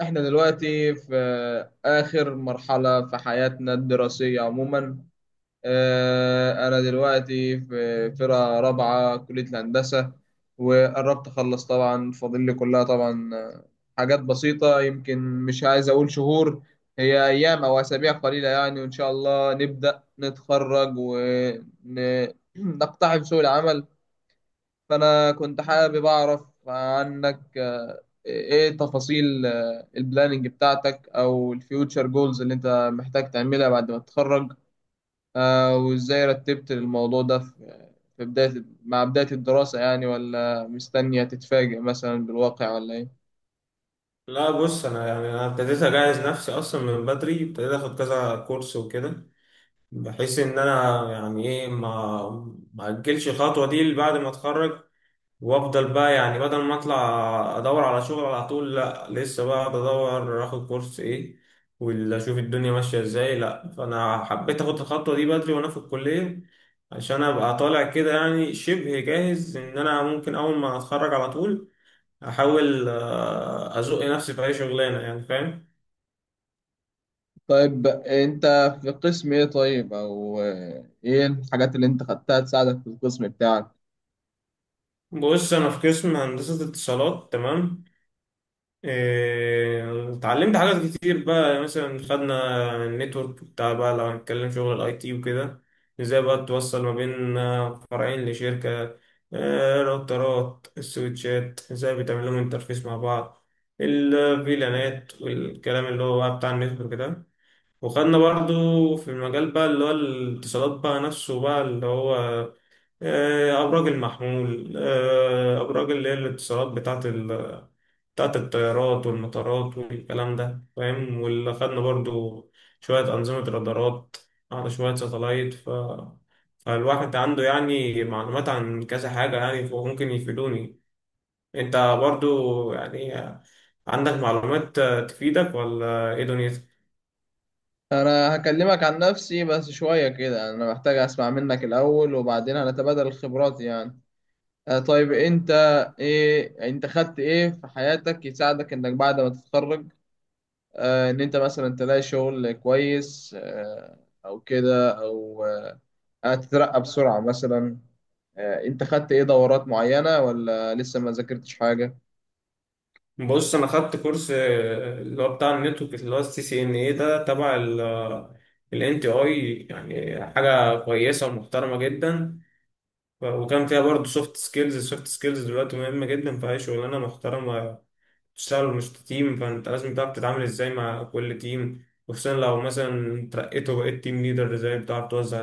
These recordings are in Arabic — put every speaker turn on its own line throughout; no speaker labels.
احنا دلوقتي في اخر مرحلة في حياتنا الدراسية عموما. انا دلوقتي في فرقة رابعة كلية الهندسة وقربت اخلص طبعا، فاضل لي كلها طبعا. حاجات بسيطة، يمكن مش عايز اقول شهور، هي ايام او اسابيع قليلة يعني، وان شاء الله نبدأ نتخرج ونقتحم سوق العمل. فأنا كنت حابب أعرف عنك إيه تفاصيل البلاننج بتاعتك أو الفيوتشر جولز اللي أنت محتاج تعملها بعد ما تتخرج، وإزاي رتبت الموضوع ده في بداية مع بداية الدراسة يعني، ولا مستنية تتفاجئ مثلا بالواقع ولا إيه؟
لا، بص، انا يعني انا ابتديت اجهز نفسي اصلا من بدري. ابتديت اخد كذا كورس وكده، بحيث ان انا يعني ايه ما اجلش الخطوه دي اللي بعد ما اتخرج. وافضل بقى، يعني بدل ما اطلع ادور على شغل على طول، لا لسه بقى بدور اخد كورس ايه ولا اشوف الدنيا ماشيه ازاي. لا، فانا حبيت اخد الخطوه دي بدري وانا في الكليه، عشان ابقى طالع كده يعني شبه جاهز ان انا ممكن اول ما اتخرج على طول احاول ازق نفسي في اي شغلانه، يعني فاهم.
طيب أنت في قسم إيه؟ طيب أو إيه الحاجات اللي أنت خدتها تساعدك في القسم بتاعك؟
بص، انا في قسم هندسه اتصالات، تمام. إيه، اتعلمت حاجات كتير بقى. مثلا خدنا النتورك بتاع بقى، لو هنتكلم شغل الـIT وكده، ازاي بقى توصل ما بين فرعين لشركه. راوترات السويتشات ازاي بتعمل لهم انترفيس مع بعض، الفيلانات والكلام اللي هو بقى بتاع النتورك ده. وخدنا برضو في المجال بقى اللي هو الاتصالات بقى نفسه، بقى اللي هو أبراج المحمول، أبراج اللي هي الاتصالات بتاعة بتاعة الطيارات والمطارات والكلام ده، فاهم. واللي خدنا برضو شوية أنظمة رادارات، على شوية ساتلايت. فالواحد عنده يعني معلومات عن كذا حاجة، يعني فممكن يفيدوني. أنت برضو يعني عندك معلومات تفيدك ولا إيه دنيتك؟
انا هكلمك عن نفسي بس شوية كده، انا محتاج اسمع منك الاول وبعدين هنتبادل الخبرات يعني. طيب انت ايه، انت خدت ايه في حياتك يساعدك انك بعد ما تتخرج، ان انت مثلا تلاقي شغل كويس او كده او تترقى بسرعة مثلا، انت خدت ايه دورات معينة ولا لسه ما ذاكرتش حاجة؟
بص، انا خدت كورس اللي هو بتاع النتورك اللي هو الـCCNA ده، تبع الـNTI. يعني حاجه كويسه ومحترمه جدا. وكان فيها برضه سوفت سكيلز. السوفت سكيلز دلوقتي مهمه جدا في اي شغلانه محترمه تشتغل. مش تيم، فانت لازم تعرف تتعامل ازاي مع كل تيم، وخصوصا لو مثلا ترقيت وبقيت تيم ليدر، ازاي بتعرف توزع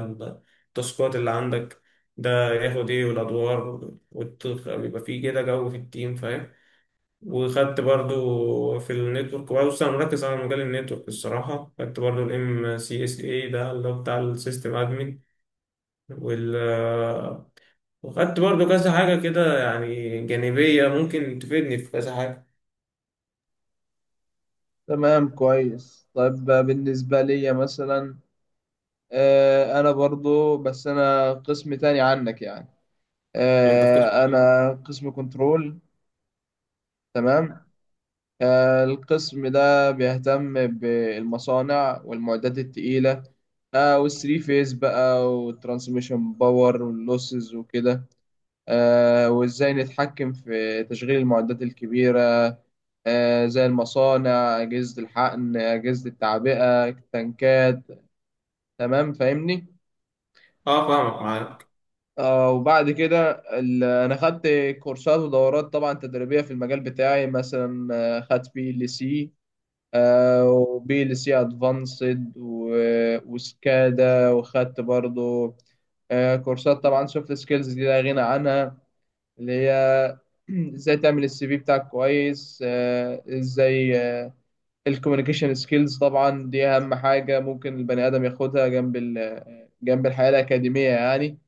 التاسكات اللي عندك، ده ياخد ايه والادوار، ويبقى فيه كده جو في التيم، فاهم. وخدت برضو في النتورك. بص، انا مركز على مجال النتورك الصراحه. خدت برضو الـMCSA ده اللي هو بتاع السيستم ادمن وال وخدت برضو كذا حاجه كده، يعني جانبيه، ممكن تفيدني في كذا حاجه.
تمام كويس طيب. بالنسبة لي مثلا، انا برضو، بس انا قسم تاني عنك يعني،
يعني انت في قسم.
انا قسم كنترول. تمام. القسم ده بيهتم بالمصانع والمعدات التقيلة، والثري فيز بقى والترانسميشن باور واللوسز وكده، وازاي نتحكم في تشغيل المعدات الكبيرة، زي المصانع، أجهزة الحقن، أجهزة التعبئة، التنكات. تمام فاهمني.
اه، فاهمك معاك.
وبعد كده انا خدت كورسات ودورات طبعا تدريبيه في المجال بتاعي، مثلا خدت PLC وبي ال سي ادفانسد وسكادا، وخدت برضو كورسات طبعا. سوفت سكيلز دي لا غنى عنها، اللي هي ازاي تعمل CV بتاعك كويس. ازاي الكوميونيكيشن سكيلز طبعا، دي اهم حاجه ممكن البني ادم ياخدها جنب الحياه الاكاديميه يعني،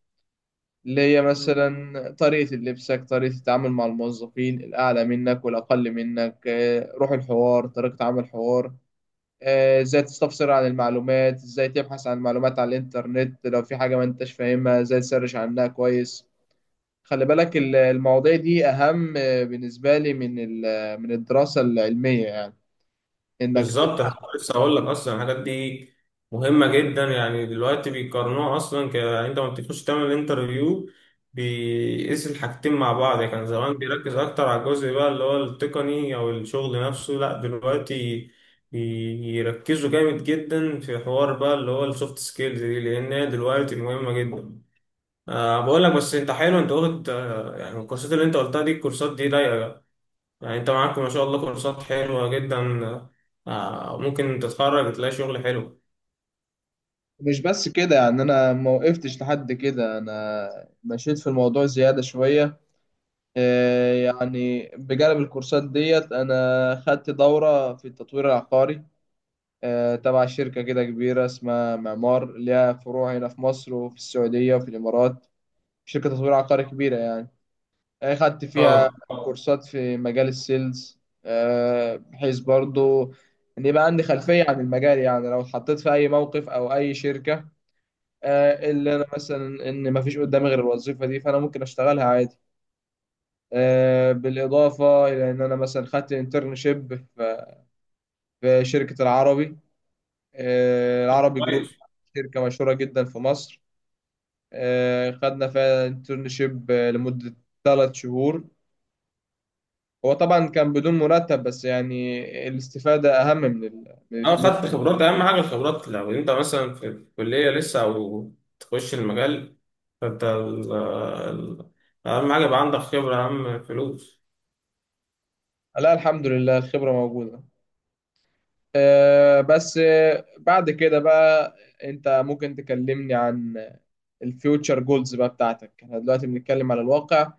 اللي هي مثلا طريقة لبسك، طريقة التعامل مع الموظفين الأعلى منك والأقل منك، روح الحوار، طريقة عمل الحوار، ازاي تستفسر عن المعلومات، ازاي تبحث عن المعلومات على الإنترنت لو في حاجة ما انتش فاهمها ازاي تسرش عنها كويس. خلي بالك المواضيع دي أهم بالنسبة لي من من الدراسة العلمية يعني. إنك ت-
بالظبط، أنا كنت لسه هقول لك اصلا الحاجات دي مهمه جدا. يعني دلوقتي بيقارنوها اصلا، يعني انت ما بتخش تعمل انترفيو، بيقيس الحاجتين مع بعض. يعني كان زمان بيركز اكتر على الجزء بقى اللي هو التقني او الشغل نفسه، لا دلوقتي بيركزوا جامد جدا في حوار بقى اللي هو السوفت سكيلز دي، لان هي دلوقتي مهمه جدا. أه، بقول لك بس انت حلو، انت قلت، يعني الكورسات اللي انت قلتها دي، الكورسات دي ضايقه. يعني انت معاك ما شاء الله كورسات حلوة جدا. آه، ممكن تتخرج تلاقي شغل حلو.
مش بس كده يعني، أنا ما وقفتش لحد كده، أنا مشيت في الموضوع زيادة شوية. يعني بجانب الكورسات ديت أنا خدت دورة في التطوير العقاري، تبع شركة كده كبيرة اسمها معمار، ليها فروع هنا في مصر وفي السعودية وفي الإمارات، شركة تطوير عقاري كبيرة يعني. خدت فيها
اه،
كورسات في مجال السيلز، بحيث برضو إن يبقى عندي خلفية عن المجال يعني، لو اتحطيت في أي موقف أو أي شركة، اللي أنا مثلا إن مفيش قدامي غير الوظيفة دي، فأنا ممكن أشتغلها عادي. بالإضافة إلى إن أنا مثلا خدت انترنشيب في شركة العربي، العربي جروب،
كويس.
شركة مشهورة جدا في مصر. خدنا فيها انترنشيب لمدة 3 شهور. هو طبعا كان بدون مرتب، بس يعني الاستفادة أهم من من
اه،
الفلوس.
خدت خبرات. اهم حاجة الخبرات. لو انت مثلا في كلية لسه او تخش المجال، فانت اهم حاجة يبقى عندك خبرة اهم فلوس.
لا الحمد لله الخبرة موجودة. بس بعد كده بقى، أنت ممكن تكلمني عن الفيوتشر جولز بقى بتاعتك. احنا دلوقتي بنتكلم على الواقع.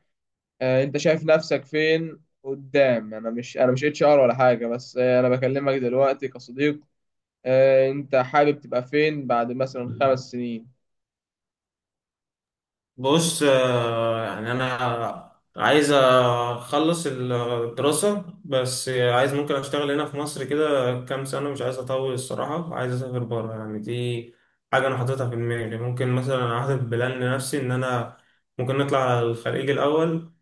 انت شايف نفسك فين قدام؟ انا مش HR ولا حاجه، بس انا بكلمك دلوقتي كصديق. انت حابب تبقى فين بعد مثلا 5 سنين؟
بص، يعني انا عايز اخلص الدراسة، بس عايز ممكن اشتغل هنا في مصر كده كام سنة، مش عايز اطول الصراحة، عايز اسافر بره. يعني دي حاجة انا حاططها في دماغي. ممكن مثلا احدد بلان لنفسي ان انا ممكن نطلع على الخليج الاول.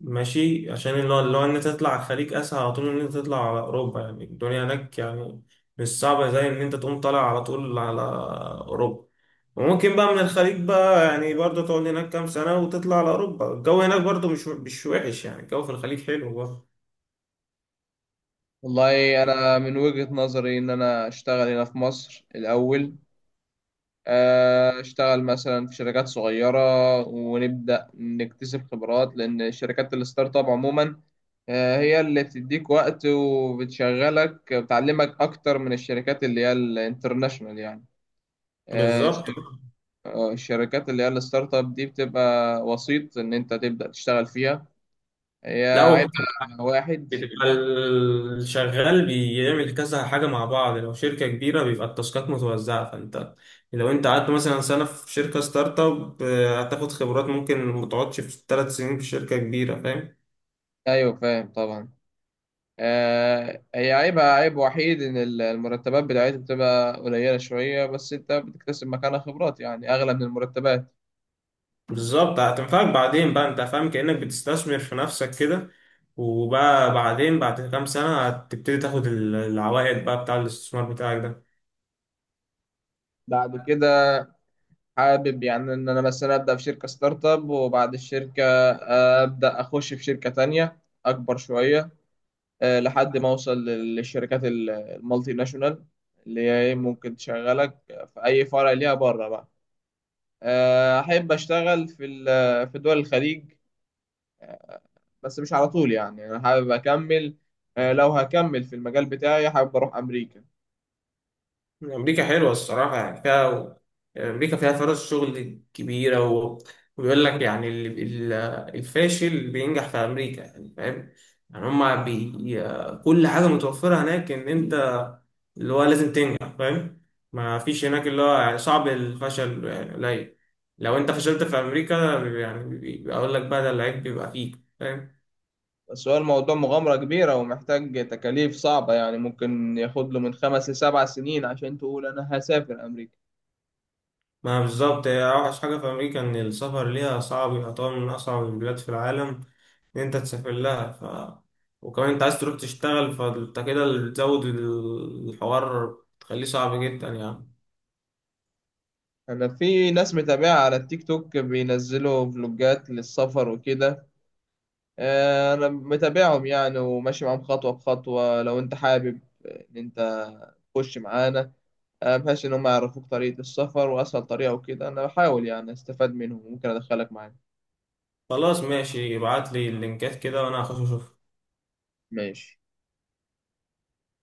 ماشي، عشان اللي هو ان انت تطلع على الخليج اسهل على طول من ان انت تطلع على اوروبا. يعني الدنيا هناك يعني مش صعبه زي ان انت تقوم طالع على طول على اوروبا. وممكن بقى من الخليج بقى، يعني برضه تقعد هناك كام سنه وتطلع على اوروبا. الجو هناك برضه مش وحش. يعني الجو في الخليج حلو برضه.
والله انا من وجهة نظري ان انا اشتغل هنا في مصر الاول، اشتغل مثلا في شركات صغيره ونبدا نكتسب خبرات، لان شركات الستارت اب عموما هي اللي بتديك وقت وبتشغلك بتعلمك اكتر من الشركات اللي هي الانترناشونال يعني. آه،
بالظبط.
الشركات اللي هي الستارت اب دي بتبقى وسيط ان انت تبدأ تشتغل فيها. هي
لا، بتبقى
عيبها واحد،
الشغال بيعمل كذا حاجة مع بعض. لو شركة كبيرة بيبقى التاسكات متوزعة. فانت لو انت قعدت مثلا سنة في شركة ستارت اب، هتاخد خبرات ممكن متقعدش في 3 سنين في شركة كبيرة، فاهم.
ايوه فاهم طبعا. هي عيبها عيب وحيد ان المرتبات بتاعتها بتبقى قليلة شوية، بس انت بتكتسب مكانها خبرات يعني اغلى من المرتبات.
بالظبط، هتنفعك بعدين بقى، انت فاهم، كأنك بتستثمر في نفسك كده. وبقى بعدين بعد كام سنة هتبتدي تاخد العوائد بقى بتاع الاستثمار بتاعك ده.
بعد كده حابب يعني ان انا مثلا ابدا في شركة ستارت اب، وبعد الشركة ابدا اخش في شركة تانية اكبر شوية، لحد ما اوصل للشركات المالتي ناشونال، اللي هي إيه، ممكن تشغلك في اي فرع ليها بره بقى. احب اشتغل في في دول الخليج، بس مش على طول يعني. انا حابب اكمل، لو هكمل في المجال بتاعي حابب اروح امريكا.
أمريكا حلوة الصراحة، يعني فيها. أمريكا فيها فرص شغل كبيرة وبيقول لك يعني، ال- الفاشل بينجح في أمريكا، يعني فاهم. يعني هما كل حاجة متوفرة هناك، إن أنت اللي هو لازم تنجح، فاهم. ما فيش هناك اللي هو يعني صعب. الفشل يعني قليل. لو أنت فشلت في أمريكا، يعني أقول لك بقى ده العيب بيبقى فيك، فاهم.
بس هو الموضوع مغامرة كبيرة ومحتاج تكاليف صعبة يعني، ممكن ياخد له من 5 لـ7 سنين عشان تقول انا هسافر امريكا.
ما بالظبط، هي أوحش حاجة في أمريكا إن السفر ليها صعب. يعتبر من أصعب البلاد في العالم ان انت تسافر لها. وكمان انت عايز تروح تشتغل، فانت كده بتزود الحوار، تخليه صعب جدا يعني.
انا في ناس متابعة على التيك توك بينزلوا فلوجات للسفر وكده، انا متابعهم يعني وماشي معاهم خطوه بخطوه، لو انت حابب ان انت تخش معانا بحيث ان هم يعرفوك طريقه السفر واسهل طريقه وكده، انا بحاول يعني استفاد منهم، ممكن ادخلك معايا.
خلاص، ماشي، ابعت لي اللينكات كده وانا هخش اشوف.
ماشي.